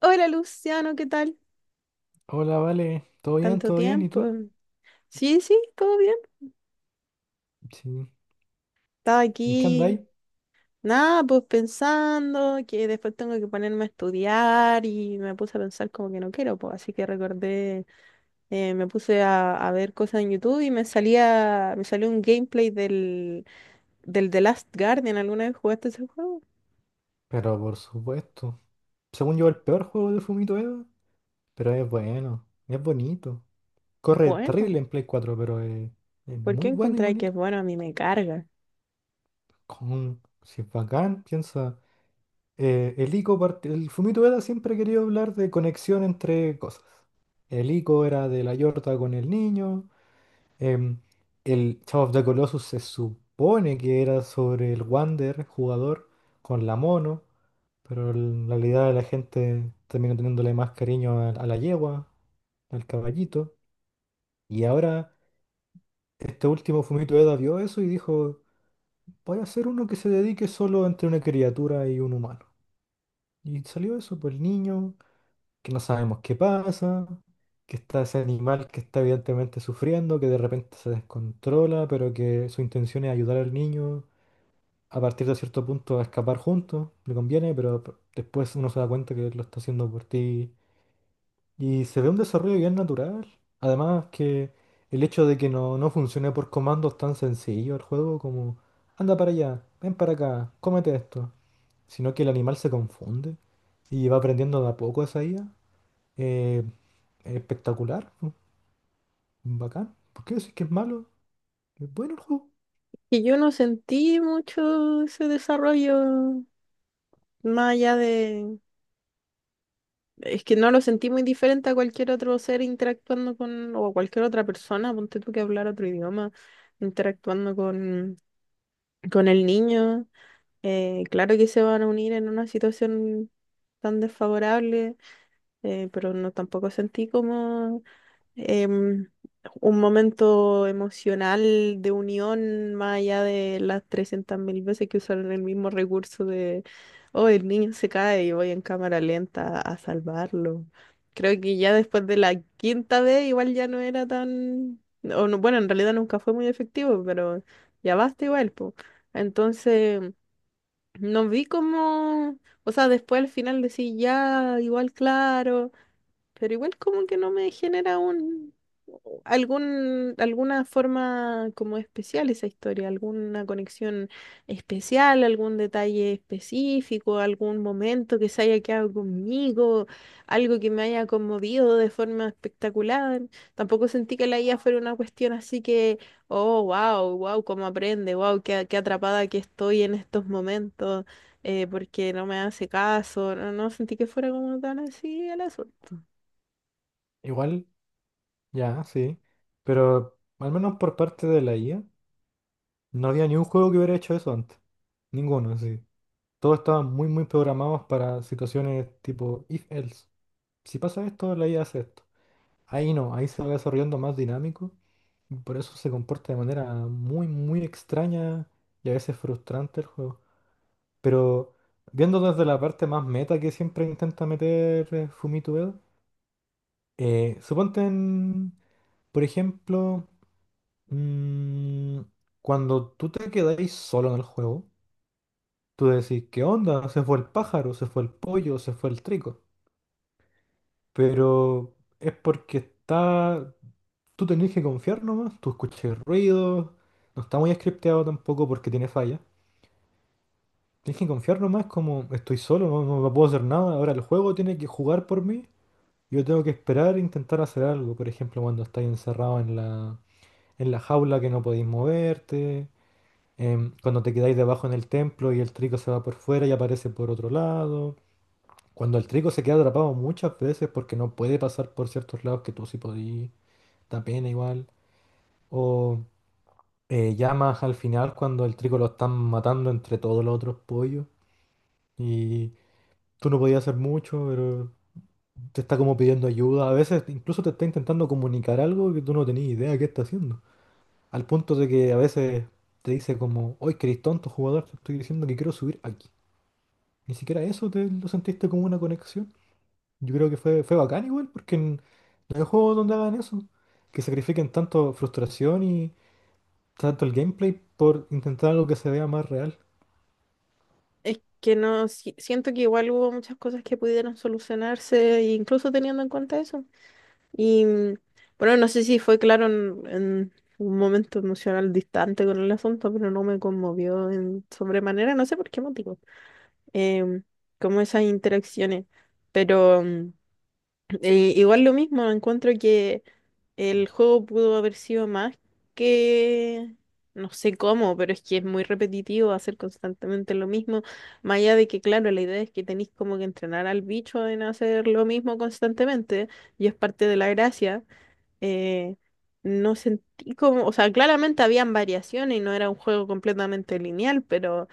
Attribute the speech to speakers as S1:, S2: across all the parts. S1: Hola Luciano, ¿qué tal?
S2: Hola, vale. ¿Todo bien?
S1: Tanto
S2: ¿Todo bien? ¿Y
S1: tiempo.
S2: tú?
S1: Mm, sí, sí, todo bien.
S2: Sí.
S1: Estaba
S2: ¿En qué
S1: aquí,
S2: andáis?
S1: nada, pues pensando que después tengo que ponerme a estudiar y me puse a pensar como que no quiero, pues así que recordé, me puse a ver cosas en YouTube y me salió un gameplay del The Last Guardian. ¿Alguna vez jugaste ese juego?
S2: Pero por supuesto. Según yo, el peor juego de Fumito Eva. Pero es bueno. Es bonito. Corre terrible
S1: Bueno,
S2: en Play 4, pero es
S1: ¿por qué
S2: muy bueno y
S1: encontré que
S2: bonito.
S1: es bueno? A mí me carga.
S2: Con, si es bacán, piensa. El Fumito Eva siempre quería hablar de conexión entre cosas. El ICO era de la Yorta con el niño. Em, el Shadow of the Colossus se supone que era sobre el Wander, jugador, con la mono, pero en realidad la gente terminó teniéndole más cariño a la yegua, al caballito. Y ahora este último Fumito Eda vio eso y dijo, voy a hacer uno que se dedique solo entre una criatura y un humano. Y salió eso, pues el niño que no sabemos qué pasa, que está ese animal que está evidentemente sufriendo, que de repente se descontrola, pero que su intención es ayudar al niño a partir de cierto punto a escapar juntos, le conviene, pero después uno se da cuenta que lo está haciendo por ti y se ve un desarrollo bien natural. Además que el hecho de que no funcione por comandos tan sencillo el juego como anda para allá, ven para acá, cómete esto, sino que el animal se confunde y va aprendiendo de a poco esa IA espectacular, bacán. ¿Por qué decir que es malo? Es bueno el juego.
S1: Y yo no sentí mucho ese desarrollo más allá de... Es que no lo sentí muy diferente a cualquier otro ser interactuando con, o a cualquier otra persona, ponte tú que hablar otro idioma, interactuando con el niño. Claro que se van a unir en una situación tan desfavorable, pero no tampoco sentí como em, un momento emocional de unión más allá de las 300.000 veces que usaron el mismo recurso de, oh, el niño se cae y voy en cámara lenta a salvarlo. Creo que ya después de la quinta vez igual ya no era tan, o no- bueno, en realidad nunca fue muy efectivo, pero ya basta igual, po. Entonces, no vi como, o sea, después al final decía ya, igual claro, pero igual como que no me genera un algún alguna forma como especial esa historia, alguna conexión especial, algún detalle específico, algún momento que se haya quedado conmigo, algo que me haya conmovido de forma espectacular. Tampoco sentí que la IA fuera una cuestión así que, oh, wow, wow, cómo aprende, wow, qué atrapada que estoy en estos momentos, porque no me hace caso. No sentí que fuera como tan así el asunto.
S2: Igual, ya, sí. Pero al menos por parte de la IA, no había ni un juego que hubiera hecho eso antes. Ninguno, sí. Todos estaban muy, muy programados para situaciones tipo if else. Si pasa esto, la IA hace esto. Ahí no, ahí se va desarrollando más dinámico. Y por eso se comporta de manera muy, muy extraña y a veces frustrante el juego. Pero viendo desde la parte más meta que siempre intenta meter Fumito Ueda, suponte por ejemplo, mm, cuando tú te quedáis solo en el juego, tú decís, ¿qué onda? Se fue el pájaro, se fue el pollo, se fue el trico. Pero es porque está... Tú tenés que confiar nomás, tú escuchas ruidos, no está muy scripteado tampoco porque tiene fallas. Tienes que confiar nomás como estoy solo, no puedo hacer nada. Ahora el juego tiene que jugar por mí. Yo tengo que esperar e intentar hacer algo. Por ejemplo, cuando estáis encerrado en la jaula que no podéis moverte, cuando te quedáis debajo en el templo y el trigo se va por fuera y aparece por otro lado, cuando el trigo se queda atrapado muchas veces porque no puede pasar por ciertos lados que tú sí podías, da pena igual, o llamas al final cuando el trigo lo están matando entre todos los otros pollos y tú no podías hacer mucho, pero te está como pidiendo ayuda, a veces incluso te está intentando comunicar algo que tú no tenías idea de qué está haciendo. Al punto de que a veces te dice como, hoy que eres tonto jugador, te estoy diciendo que quiero subir aquí. Ni siquiera eso te lo sentiste como una conexión. Yo creo que fue bacán igual, no hay juegos donde hagan eso. Que sacrifiquen tanto frustración y tanto el gameplay por intentar algo que se vea más real.
S1: Es que no, si- siento que igual hubo muchas cosas que pudieron solucionarse, e incluso teniendo en cuenta eso. Y bueno, no sé si fue claro en un momento emocional distante con el asunto, pero no me conmovió en sobremanera, no sé por qué motivo, em, como esas interacciones. Pero igual lo mismo, encuentro que el juego pudo haber sido más que... No sé cómo, pero es que es muy repetitivo hacer constantemente lo mismo. Más allá de que, claro, la idea es que tenéis como que entrenar al bicho en hacer lo mismo constantemente, y es parte de la gracia. eh, no sentí como, o sea, claramente habían variaciones y no era un juego completamente lineal, pero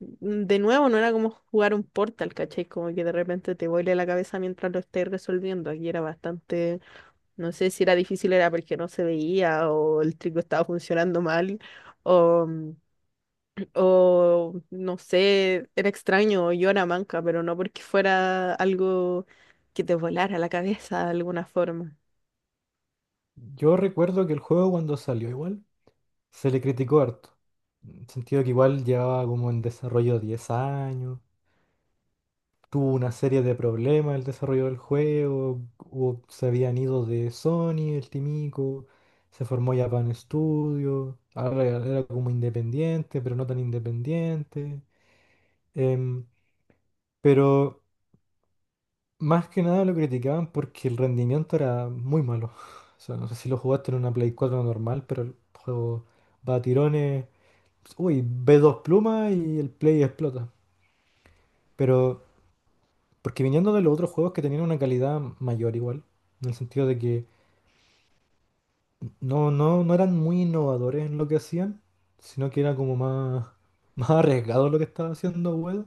S1: de nuevo no era como jugar un Portal, ¿cachai? Como que de repente te vuele la cabeza mientras lo estés resolviendo. Aquí era bastante, no sé si era difícil, era porque no se veía o el trigo estaba funcionando mal o, o no sé, era extraño, o yo era manca, pero no porque fuera algo que te volara la cabeza de alguna forma.
S2: Yo recuerdo que el juego cuando salió igual, se le criticó harto. En el sentido que igual llevaba como en desarrollo 10 años. Tuvo una serie de problemas el desarrollo del juego, se habían ido de Sony, el Timico, se formó Japan Studio, ahora era como independiente, pero no tan independiente. Em, pero más que nada lo criticaban porque el rendimiento era muy malo. O sea, no sé si lo jugaste en una Play 4 normal, pero el juego va a tirones. Uy, ve dos plumas y el Play explota. Pero porque viniendo de los otros juegos que tenían una calidad mayor igual, en el sentido de que no eran muy innovadores en lo que hacían, sino que era como más, más arriesgado lo que estaba haciendo Ueda, en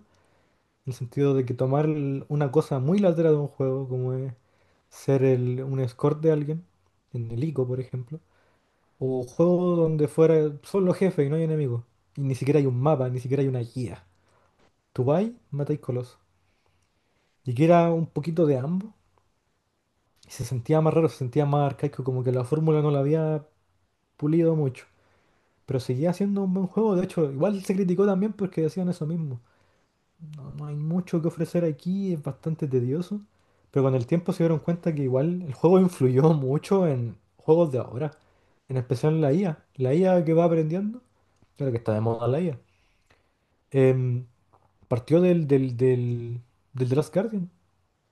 S2: el sentido de que tomar una cosa muy lateral de un juego, como es ser un escort de alguien, en el ICO por ejemplo, o juego donde fuera solo jefe y no hay enemigos, y ni siquiera hay un mapa, ni siquiera hay una guía. Tú vas, matáis colosos. Y que era un poquito de ambos, y se sentía más raro, se sentía más arcaico, como que la fórmula no la había pulido mucho. Pero seguía siendo un buen juego, de hecho, igual se criticó también porque decían eso mismo. No, no hay mucho que ofrecer aquí, es bastante tedioso. Pero con el tiempo se dieron cuenta que igual el juego influyó mucho en juegos de ahora. En especial en la IA. La IA que va aprendiendo, claro que está de moda la IA. em, Partió del The Last Guardian.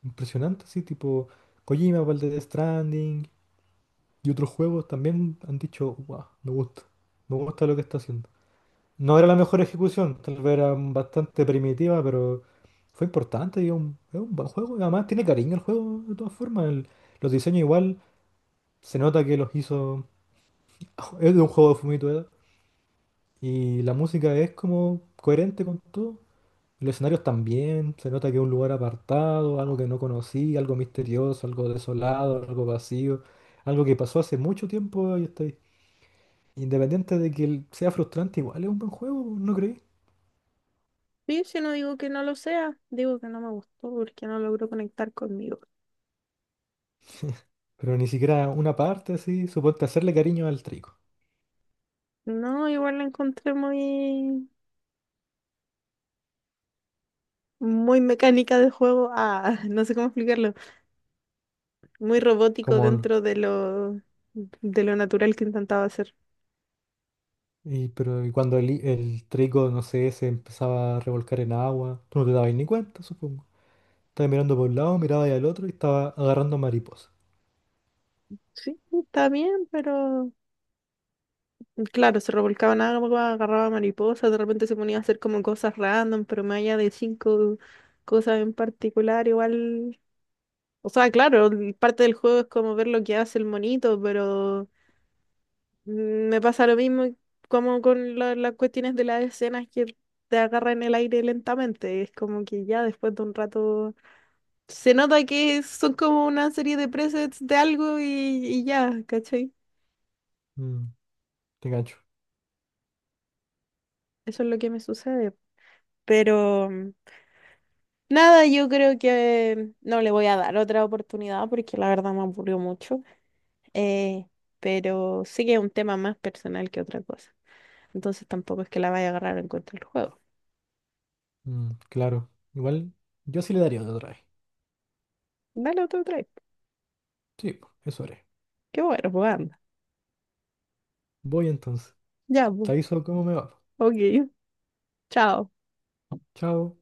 S2: Impresionante, sí, tipo Kojima para el de Death Stranding. Y otros juegos también han dicho, wow, me gusta lo que está haciendo. No era la mejor ejecución, tal vez era bastante primitiva, pero fue importante y es un buen juego. Y además tiene cariño el juego de todas formas. Los diseños igual, se nota que los hizo... Es de un juego de Fumito Ueda. Y la música es como coherente con todo. Los escenarios también, se nota que es un lugar apartado, algo que no conocí, algo misterioso, algo desolado, algo vacío, algo que pasó hace mucho tiempo y está ahí. Independiente de que sea frustrante, igual es un buen juego, ¿no creí?
S1: Sí, si no digo que no lo sea, digo que no me gustó porque no logró conectar conmigo.
S2: Pero ni siquiera una parte así, suponte hacerle cariño al trigo.
S1: No, igual la encontré muy, muy mecánica de juego. Ah, no sé cómo explicarlo. Muy robótico
S2: Como, el-
S1: dentro de lo natural que intentaba hacer.
S2: y cuando el trigo, no sé, se empezaba a revolcar en agua, tú no te dabas ni cuenta, supongo. Estabas mirando por un lado, mirabas al otro y estaba agarrando mariposas.
S1: Sí, está bien, pero claro, se revolcaba en agua, agarraba mariposas, de repente se ponía a hacer como cosas random, pero más allá de 5 cosas en particular, igual, o sea, claro, el- parte del juego es como ver lo que hace el monito, pero me pasa lo mismo como con la- las cuestiones de las escenas que te agarran en el aire lentamente, es como que ya después de un rato se nota que son como una serie de presets de algo y ya, ¿cachai?
S2: Mm, Te gancho.
S1: Eso es lo que me sucede. Pero nada, yo creo que no le voy a dar otra oportunidad porque la verdad me aburrió mucho. Eh, pero sí que es un tema más personal que otra cosa. Entonces tampoco es que la vaya a agarrar en contra del juego.
S2: Mm, claro. Igual, yo sí le daría otra vez.
S1: Dale otro try.
S2: Sí, po, eso haré.
S1: Qué bueno, pues anda.
S2: Voy entonces.
S1: Ya,
S2: Te
S1: pues.
S2: aviso cómo me va, po.
S1: Ok. Chao.
S2: Chao.